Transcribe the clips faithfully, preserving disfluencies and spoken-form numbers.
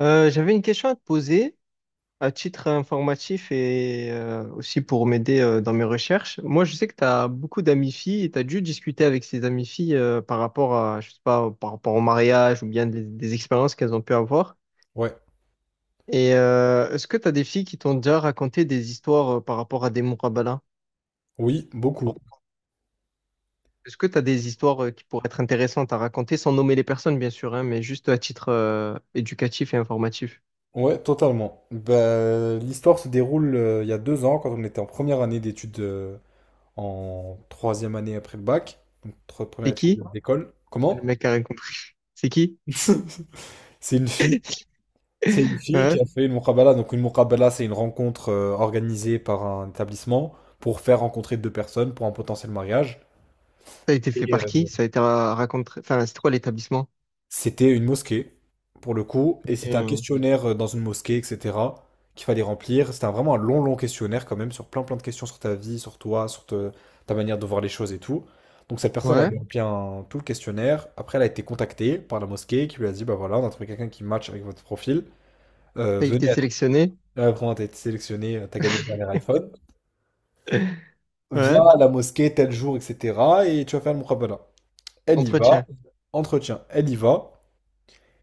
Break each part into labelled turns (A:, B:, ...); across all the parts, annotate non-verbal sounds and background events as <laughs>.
A: Euh, j'avais une question à te poser à titre informatif et euh, aussi pour m'aider euh, dans mes recherches. Moi, je sais que tu as beaucoup d'amis filles et tu as dû discuter avec ces amies filles euh, par rapport à, je sais pas, par rapport au mariage ou bien des, des expériences qu'elles ont pu avoir.
B: Ouais,
A: Et euh, est-ce que tu as des filles qui t'ont déjà raconté des histoires euh, par rapport à des Mourabala?
B: oui, beaucoup.
A: Est-ce que tu as des histoires euh, qui pourraient être intéressantes à raconter sans nommer les personnes, bien sûr, hein, mais juste à titre euh, éducatif et informatif?
B: Ouais, totalement. Bah, l'histoire se déroule euh, il y a deux ans, quand on était en première année d'études, euh, en troisième année après le bac, donc tro- première
A: C'est
B: étude
A: qui?
B: d'école.
A: Le
B: Comment?
A: mec a raconté. C'est qui?
B: <laughs> C'est une fille. C'est une fille qui a
A: <laughs>
B: fait une muqabala. Donc une muqabala, c'est une rencontre euh, organisée par un établissement pour faire rencontrer deux personnes pour un potentiel mariage.
A: Ça a été fait par qui? Ça a été ra- Raconté. Enfin, c'était quoi l'établissement?
B: C'était une mosquée, pour le coup, et c'était un
A: Euh,
B: questionnaire euh, dans une mosquée, et cetera, qu'il fallait remplir. C'était un- vraiment un long, long questionnaire quand même, sur plein, plein de questions sur ta vie, sur toi, sur te- ta manière de voir les choses et tout. Donc cette personne
A: Ouais.
B: avait rempli un- tout le questionnaire. Après, elle a été contactée par la mosquée qui lui a dit, bah voilà, on a trouvé quelqu'un qui match avec votre profil. Euh,
A: Ça a été
B: venez, à...
A: sélectionné.
B: euh, vraiment, t'as été sélectionné, euh, t'as gagné le dernier iPhone.
A: <laughs>
B: Viens
A: Ouais.
B: à la mosquée tel jour, et cetera. Et tu vas faire le mukhabara. Elle y va,
A: Entretien.
B: entretien, elle y va.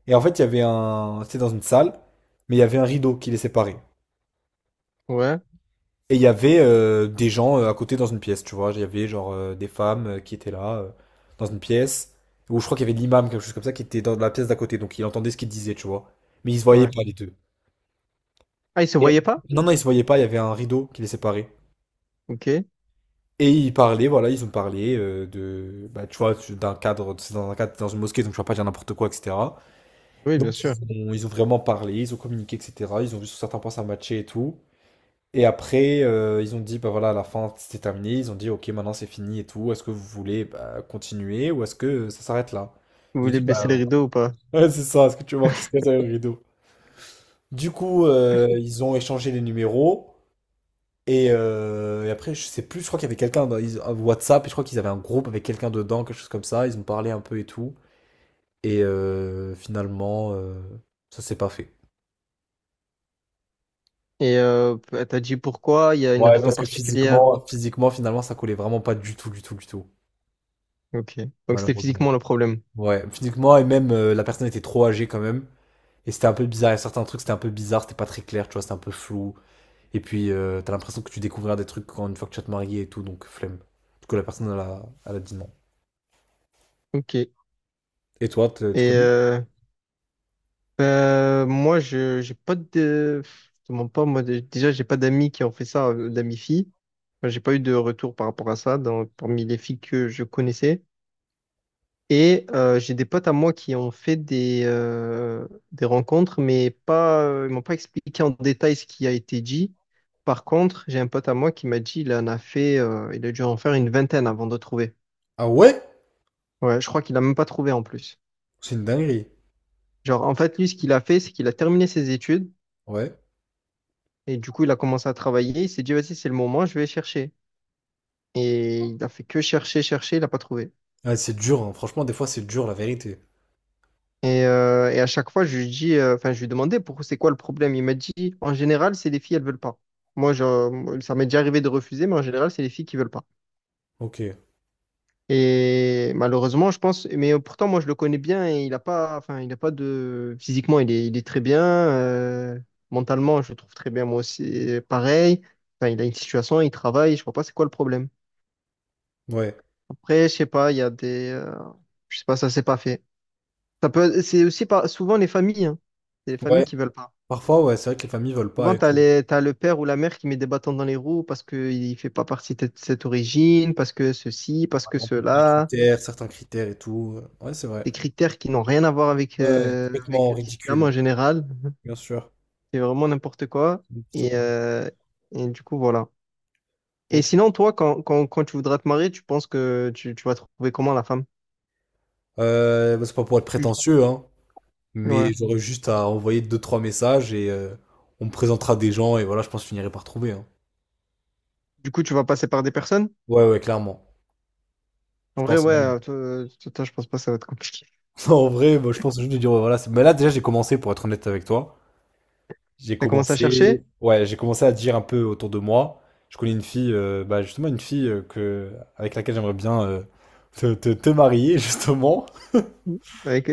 B: Et en fait, il y avait un. C'était dans une salle, mais il y avait un rideau qui les séparait.
A: Ouais.
B: Et il y avait euh, des gens euh, à côté dans une pièce, tu vois. Il y avait genre euh, des femmes euh, qui étaient là, euh, dans une pièce, où je crois qu'il y avait l'imam, quelque chose comme ça, qui était dans la pièce d'à côté, donc il entendait ce qu'ils disaient, tu vois. Mais ils se voyaient
A: Ouais.
B: pas, les deux.
A: Ah, ils se
B: Et-
A: voyaient pas?
B: Non, non, ils se voyaient pas, il y avait un rideau qui les séparait.
A: Ok.
B: Et ils parlaient, voilà, ils ont parlé euh, de, bah, tu vois, d'un cadre, c'est dans un cadre, dans une mosquée, donc je ne vais pas dire n'importe quoi, et cetera.
A: Oui, bien
B: Donc
A: sûr.
B: ils ont, ils ont vraiment parlé, ils ont communiqué, et cetera. Ils ont vu sur certains points ça matchait et tout. Et après, euh, ils ont dit, bah voilà, à la fin, c'était terminé. Ils ont dit, ok, maintenant c'est fini et tout. Est-ce que vous voulez bah, continuer ou est-ce que ça s'arrête là?
A: Vous
B: Ils ont
A: voulez
B: dit, bah
A: baisser les rideaux ou pas?
B: <laughs> ouais, ouais, c'est ça, est-ce que tu veux voir qui se cache derrière le rideau? Du coup, euh, ils ont échangé les numéros. Et, euh, et après, je sais plus, je crois qu'il y avait quelqu'un dans ils- un WhatsApp, et je crois qu'ils avaient un groupe avec quelqu'un dedans, quelque chose comme ça. Ils ont parlé un peu et tout. Et euh, finalement, euh, ça s'est pas fait.
A: Et euh, t'as dit pourquoi? Il y a une
B: Ouais,
A: raison
B: parce que
A: particulière.
B: physiquement, physiquement, finalement, ça collait vraiment pas du tout, du tout, du tout.
A: Ok. Donc c'était
B: Malheureusement.
A: physiquement le problème.
B: Ouais, physiquement, et même euh, la personne était trop âgée quand même. Et c'était un peu bizarre. Il y a certains trucs, c'était un peu bizarre, c'était pas très clair, tu vois, c'était un peu flou. Et puis, euh, t'as l'impression que tu découvriras des trucs quand, une fois que tu vas te marier et tout, donc flemme. Du coup, la personne, elle a, elle a dit non.
A: Ok. Et
B: Et toi, te- tu connais?
A: euh, ben, moi, je j'ai pas de. Je te mens pas. Moi, dé- déjà, j'ai pas d'amis qui ont fait ça, euh, d'amis filles. Enfin, j'ai pas eu de retour par rapport à ça dans, parmi les filles que je connaissais. Et euh, j'ai des potes à moi qui ont fait des, euh, des rencontres, mais pas, euh, ils m'ont pas expliqué en détail ce qui a été dit. Par contre, j'ai un pote à moi qui m'a dit il en a fait, euh, il a dû en faire une vingtaine avant de trouver.
B: Ah ouais?
A: Ouais, je crois qu'il a même pas trouvé en plus.
B: C'est une dinguerie.
A: Genre, en fait, lui, ce qu'il a fait, c'est qu'il a terminé ses études
B: Ouais.
A: et du coup, il a commencé à travailler. Il s'est dit, vas-y, c'est le moment, je vais chercher. Et il a fait que chercher, chercher, il n'a pas trouvé.
B: Ouais, c'est dur, hein. Franchement, des fois, c'est dur, la vérité.
A: Et, euh, et à chaque fois, je lui dis, euh, enfin, je lui demandais pourquoi c'est quoi le problème. Il m'a dit, en général, c'est les filles, elles veulent pas. Moi, je, ça m'est déjà arrivé de refuser, mais en général, c'est les filles qui veulent pas.
B: Ok.
A: Et malheureusement, je pense, mais pourtant, moi, je le connais bien et il a pas, enfin, il a pas de, physiquement, il est, il est très bien. Euh, mentalement, je le trouve très bien, moi aussi, euh, pareil. Enfin, il a une situation, il travaille, je vois pas c'est quoi le problème.
B: Ouais.
A: Après, je sais pas, il y a des, euh, je sais pas, ça s'est pas fait. Ça peut, c'est aussi pas, souvent les familles, hein. C'est les familles
B: Ouais.
A: qui veulent pas.
B: Parfois, ouais, c'est vrai que les familles veulent pas
A: Souvent,
B: et
A: t'as
B: tout.
A: les, t'as le père ou la mère qui met des bâtons dans les roues parce qu'il ne fait pas partie de cette origine, parce que ceci, parce que
B: On peut pas. Les
A: cela.
B: critères, certains critères et tout. Ouais, c'est vrai.
A: Des critères qui n'ont rien à voir avec,
B: Ouais,
A: euh, avec
B: complètement
A: l'islam
B: ridicule,
A: en général.
B: bien sûr.
A: C'est vraiment n'importe quoi.
B: C'est plutôt
A: Et,
B: quoi.
A: euh, et du coup, voilà. Et
B: Ok.
A: sinon, toi, quand, quand, quand tu voudras te marier, tu penses que tu, tu vas trouver comment la femme?
B: Euh, bah, c'est pas pour être
A: Tu,
B: prétentieux, hein,
A: ouais.
B: mais j'aurais juste à envoyer deux, trois messages et euh, on me présentera des gens et voilà, je pense que je finirai par trouver. Hein.
A: Du coup, tu vas passer par des personnes?
B: Ouais, ouais, clairement. Je
A: En vrai,
B: pense
A: ouais,
B: vraiment.
A: euh, toi, toi, toi, je pense pas que ça va être compliqué.
B: <laughs> En vrai, moi, je pense juste de dire, ouais, voilà, c'est- mais là déjà j'ai commencé, pour être honnête avec toi, j'ai
A: T'as commencé à
B: commencé,
A: chercher?
B: ouais, j'ai commencé à dire un peu autour de moi. Je connais une fille, euh, bah, justement une fille euh, que avec laquelle j'aimerais bien euh, te, te, te marier, <laughs> justement.
A: Avec...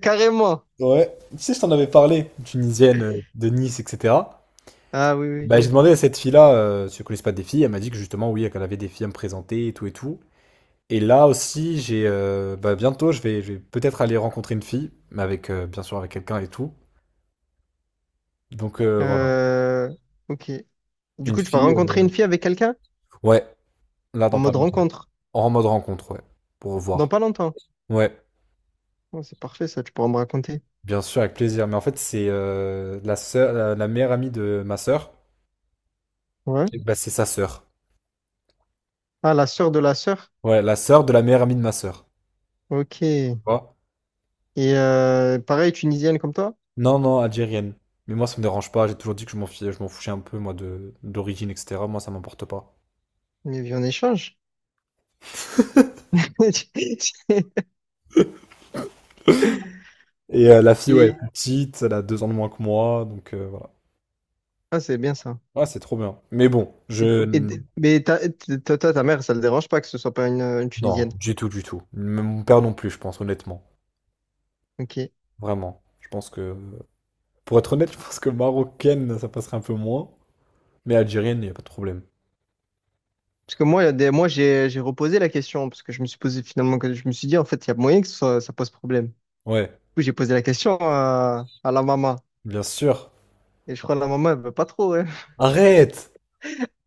A: <laughs> Carrément.
B: Ouais, tu sais, je t'en avais parlé, tunisienne euh, de Nice, et cetera.
A: Ah oui, oui.
B: Bah, j'ai demandé à cette fille-là euh, si elle connaissait pas des filles. Elle m'a dit que justement, oui, qu'elle avait des filles à me présenter et tout et tout. Et là aussi, j'ai euh, bah, bientôt, je vais, je vais peut-être aller rencontrer une fille, mais avec euh, bien sûr avec quelqu'un et tout. Donc euh, voilà,
A: Euh, ok. Du
B: une
A: coup, tu vas
B: fille.
A: rencontrer une
B: Euh,
A: fille avec quelqu'un
B: ouais, là
A: en
B: dans pas
A: mode
B: longtemps.
A: rencontre
B: En mode rencontre, ouais, pour
A: dans
B: voir.
A: pas longtemps.
B: Ouais,
A: Oh, c'est parfait, ça, tu pourras me raconter.
B: bien sûr, avec plaisir. Mais en fait, c'est euh, la sœur, la, la meilleure amie de ma sœur.
A: Ouais.
B: Et bah, c'est sa sœur.
A: Ah, la sœur de la sœur.
B: Ouais, la sœur de la meilleure amie de ma sœur.
A: Ok. Et
B: Tu
A: euh, pareil, tunisienne comme toi,
B: Non, non, algérienne. Mais moi, ça me dérange pas. J'ai toujours dit que je m'en fichais, je m'en fichais un peu, moi, de d'origine, et cetera. Moi, ça m'importe pas.
A: mais vie en échange. <laughs>
B: Et euh, la fille, ouais, elle est
A: Et
B: plus petite, elle a deux ans de moins que moi, donc euh, voilà.
A: ah, c'est bien ça.
B: Ouais, c'est trop bien. Mais bon,
A: Et,
B: je...
A: et- mais ta, ta, ta, ta mère, ça le dérange pas que ce soit pas une, une
B: non,
A: tunisienne.
B: du tout, du tout. Même mon père non plus, je pense, honnêtement.
A: Ok.
B: Vraiment. Je pense que... Pour être honnête, <laughs> je pense que marocaine, ça passerait un peu moins. Mais algérienne, il n'y a pas de problème.
A: Parce que moi, il y a des, moi, j'ai, j'ai reposé la question parce que je me suis posé finalement, que je me suis dit en fait, il y a moyen que ce ça pose problème. Du
B: Ouais,
A: coup, j'ai posé la question à, à la maman.
B: bien sûr.
A: Et je crois que la maman, elle veut pas trop, hein.
B: Arrête!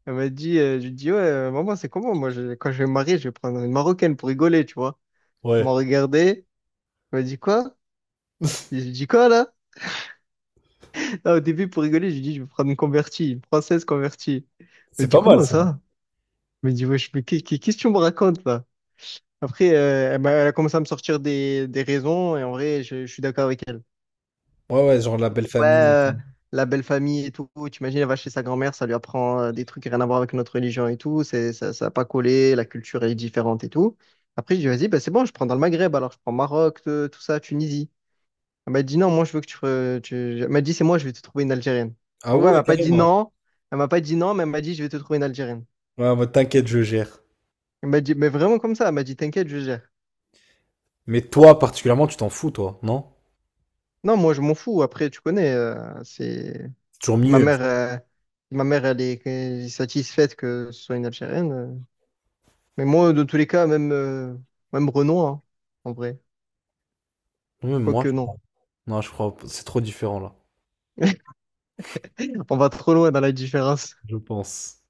A: Elle m'a dit, euh, je lui dis, ouais, euh, maman, c'est comment? Moi, je- quand je vais me marier, je vais prendre une Marocaine pour rigoler, tu vois. Elle m'a
B: Ouais.
A: regardé, elle m'a dit quoi? Je lui dis quoi, là? Là, au début, pour rigoler, je lui dis, je vais prendre une convertie, une française convertie. Elle m'a
B: C'est
A: dit,
B: pas mal,
A: comment
B: ça.
A: ça? Elle m'a dit, wesh, mais qu'est- qu'est- qu'est-ce que tu me racontes, là? Après, euh, elle m'a- elle a commencé à me sortir des, des raisons, et en vrai, je, je suis d'accord avec elle.
B: Ouais, ouais, genre la belle
A: Ouais,
B: famille.
A: euh, la belle famille et tout. T'imagines, elle va chez sa grand-mère, ça lui apprend euh, des trucs rien à voir avec notre religion et tout. C'est, ça, ça a pas collé, la culture est différente et tout. Après, je dis vas-y, bah, c'est bon, je prends dans le Maghreb, alors je prends Maroc, te- tout ça, Tunisie. Elle m'a dit, non, moi, je veux que tu. re- tu... Elle m'a dit, c'est moi, je vais te trouver une Algérienne.
B: Ah
A: En gros, elle
B: ouais,
A: m'a pas dit
B: carrément.
A: non. Elle m'a pas dit non, mais elle m'a dit, je vais te trouver une Algérienne.
B: Ouais, bah t'inquiète, je gère.
A: Elle m'a dit, mais vraiment comme ça. Elle m'a dit, t'inquiète, je gère.
B: Mais toi, particulièrement, tu t'en fous, toi, non?
A: Non, moi, je m'en fous. Après, tu connais, euh, c'est.
B: C'est toujours
A: Si Ma
B: mieux.
A: mère, euh, si ma mère, elle est elle est satisfaite que ce soit une Algérienne. euh, Mais moi, de tous les cas, même, euh, même Renault, hein, en vrai.
B: Même moi,
A: Quoique
B: je-
A: non,
B: non, je crois, pas- c'est trop différent, là,
A: on va trop loin dans la différence.
B: je pense.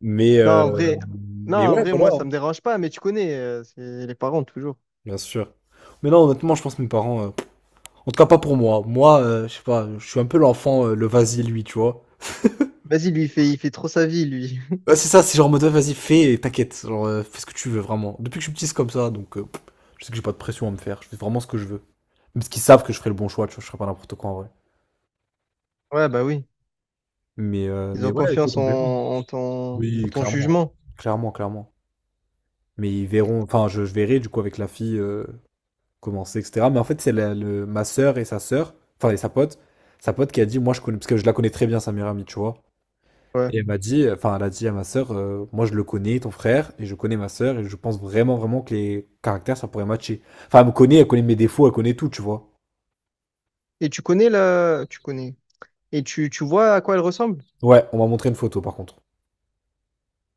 B: Mais,
A: Non,
B: euh,
A: en vrai, non,
B: mais
A: en
B: ouais,
A: vrai,
B: voilà,
A: moi, ça
B: hein,
A: me dérange pas, mais tu connais, euh, c'est les parents, toujours.
B: bien sûr. Mais non, honnêtement, je pense que mes parents, euh, en tout cas, pas pour moi. Moi, euh, je sais pas, je suis un peu l'enfant, euh, le vas-y, lui, tu vois.
A: Vas-y, lui, il fait, il fait trop sa vie, lui. <laughs>
B: Ouais, c'est ça, c'est genre, en mode, ouais, vas-y, fais, et t'inquiète, genre, euh, fais ce que tu veux, vraiment. Depuis que je suis petit, c'est comme ça, donc, euh, pff, je sais que j'ai pas de pression à me faire, je fais vraiment ce que je veux. Même parce qu'ils savent que je ferai le bon choix, tu vois, je ferai pas n'importe quoi, en vrai.
A: Ouais, bah oui,
B: Mais, euh,
A: ils
B: mais
A: ont
B: ouais, écoute,
A: confiance
B: on
A: en,
B: verra.
A: en ton, en
B: Oui,
A: ton
B: clairement.
A: jugement.
B: Clairement, clairement. Mais ils verront, enfin, je, je verrai du coup avec la fille euh, comment c'est, et cetera. Mais en fait, c'est la- le, ma sœur et sa sœur, enfin, et sa pote, sa pote qui a dit, moi je connais, parce que je la connais très bien, sa meilleure amie, tu vois.
A: Ouais.
B: Et elle m'a dit, enfin, elle a dit à ma sœur, euh, moi je le connais, ton frère, et je connais ma sœur, et je pense vraiment, vraiment que les caractères, ça pourrait matcher. Enfin, elle me connaît, elle connaît mes défauts, elle connaît tout, tu vois.
A: Et tu connais la... Tu connais. Et tu, tu vois à quoi elle ressemble?
B: Ouais, on m'a montré une photo par contre.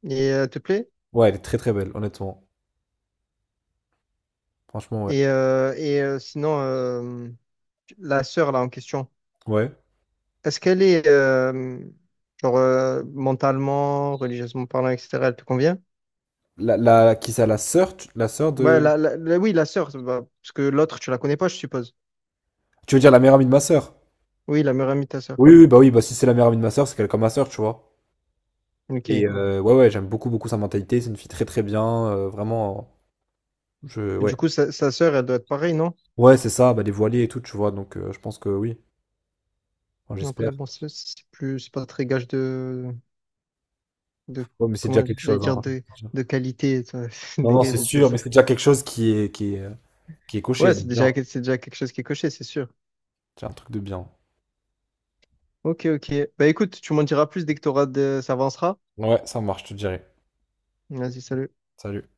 A: Et euh, elle te plaît?
B: Ouais, elle est très très belle, honnêtement. Franchement, ouais.
A: Et, euh, et euh, sinon, euh, la sœur, là, en question.
B: Ouais.
A: Est-ce qu'elle est, euh, genre, euh, mentalement, religieusement parlant, et cetera, elle te convient?
B: La, la, qui ça, la sœur, tu- la sœur
A: Ouais,
B: de.
A: la, la- la- oui, la sœur, bah, parce que l'autre, tu la connais pas, je suppose.
B: Tu veux dire la meilleure amie de ma sœur?
A: Oui, la meilleure amie de ta sœur.
B: Oui, oui, bah oui, bah si c'est la meilleure amie de ma sœur, c'est qu'elle est comme ma sœur, tu vois.
A: Ok.
B: Et
A: Et
B: euh, ouais, ouais, j'aime beaucoup, beaucoup sa mentalité. C'est une fille très, très bien. Euh, vraiment, je,
A: du
B: ouais,
A: coup, sa, sa sœur, elle doit être pareille, non?
B: ouais, c'est ça, bah dévoilée et tout, tu vois. Donc, euh, je pense que oui, enfin,
A: Après,
B: j'espère.
A: bon, c'est c'est plus, c'est pas très gage de, de,
B: Ouais, mais c'est déjà
A: comment
B: quelque
A: j'allais
B: chose,
A: dire,
B: hein.
A: de, de qualité. Ça. <laughs> C'est
B: Non, non,
A: dingue
B: c'est
A: de dire
B: sûr, mais
A: ça.
B: c'est déjà quelque chose qui est, qui est, qui est
A: Ouais,
B: coché. Donc,
A: c'est déjà,
B: bien,
A: c'est déjà quelque chose qui est coché, c'est sûr.
B: c'est un truc de bien.
A: Ok, ok. Bah écoute, tu m'en diras plus dès que t'auras de, ça avancera.
B: Ouais, ça marche, je te dirai.
A: Vas-y, salut.
B: Salut.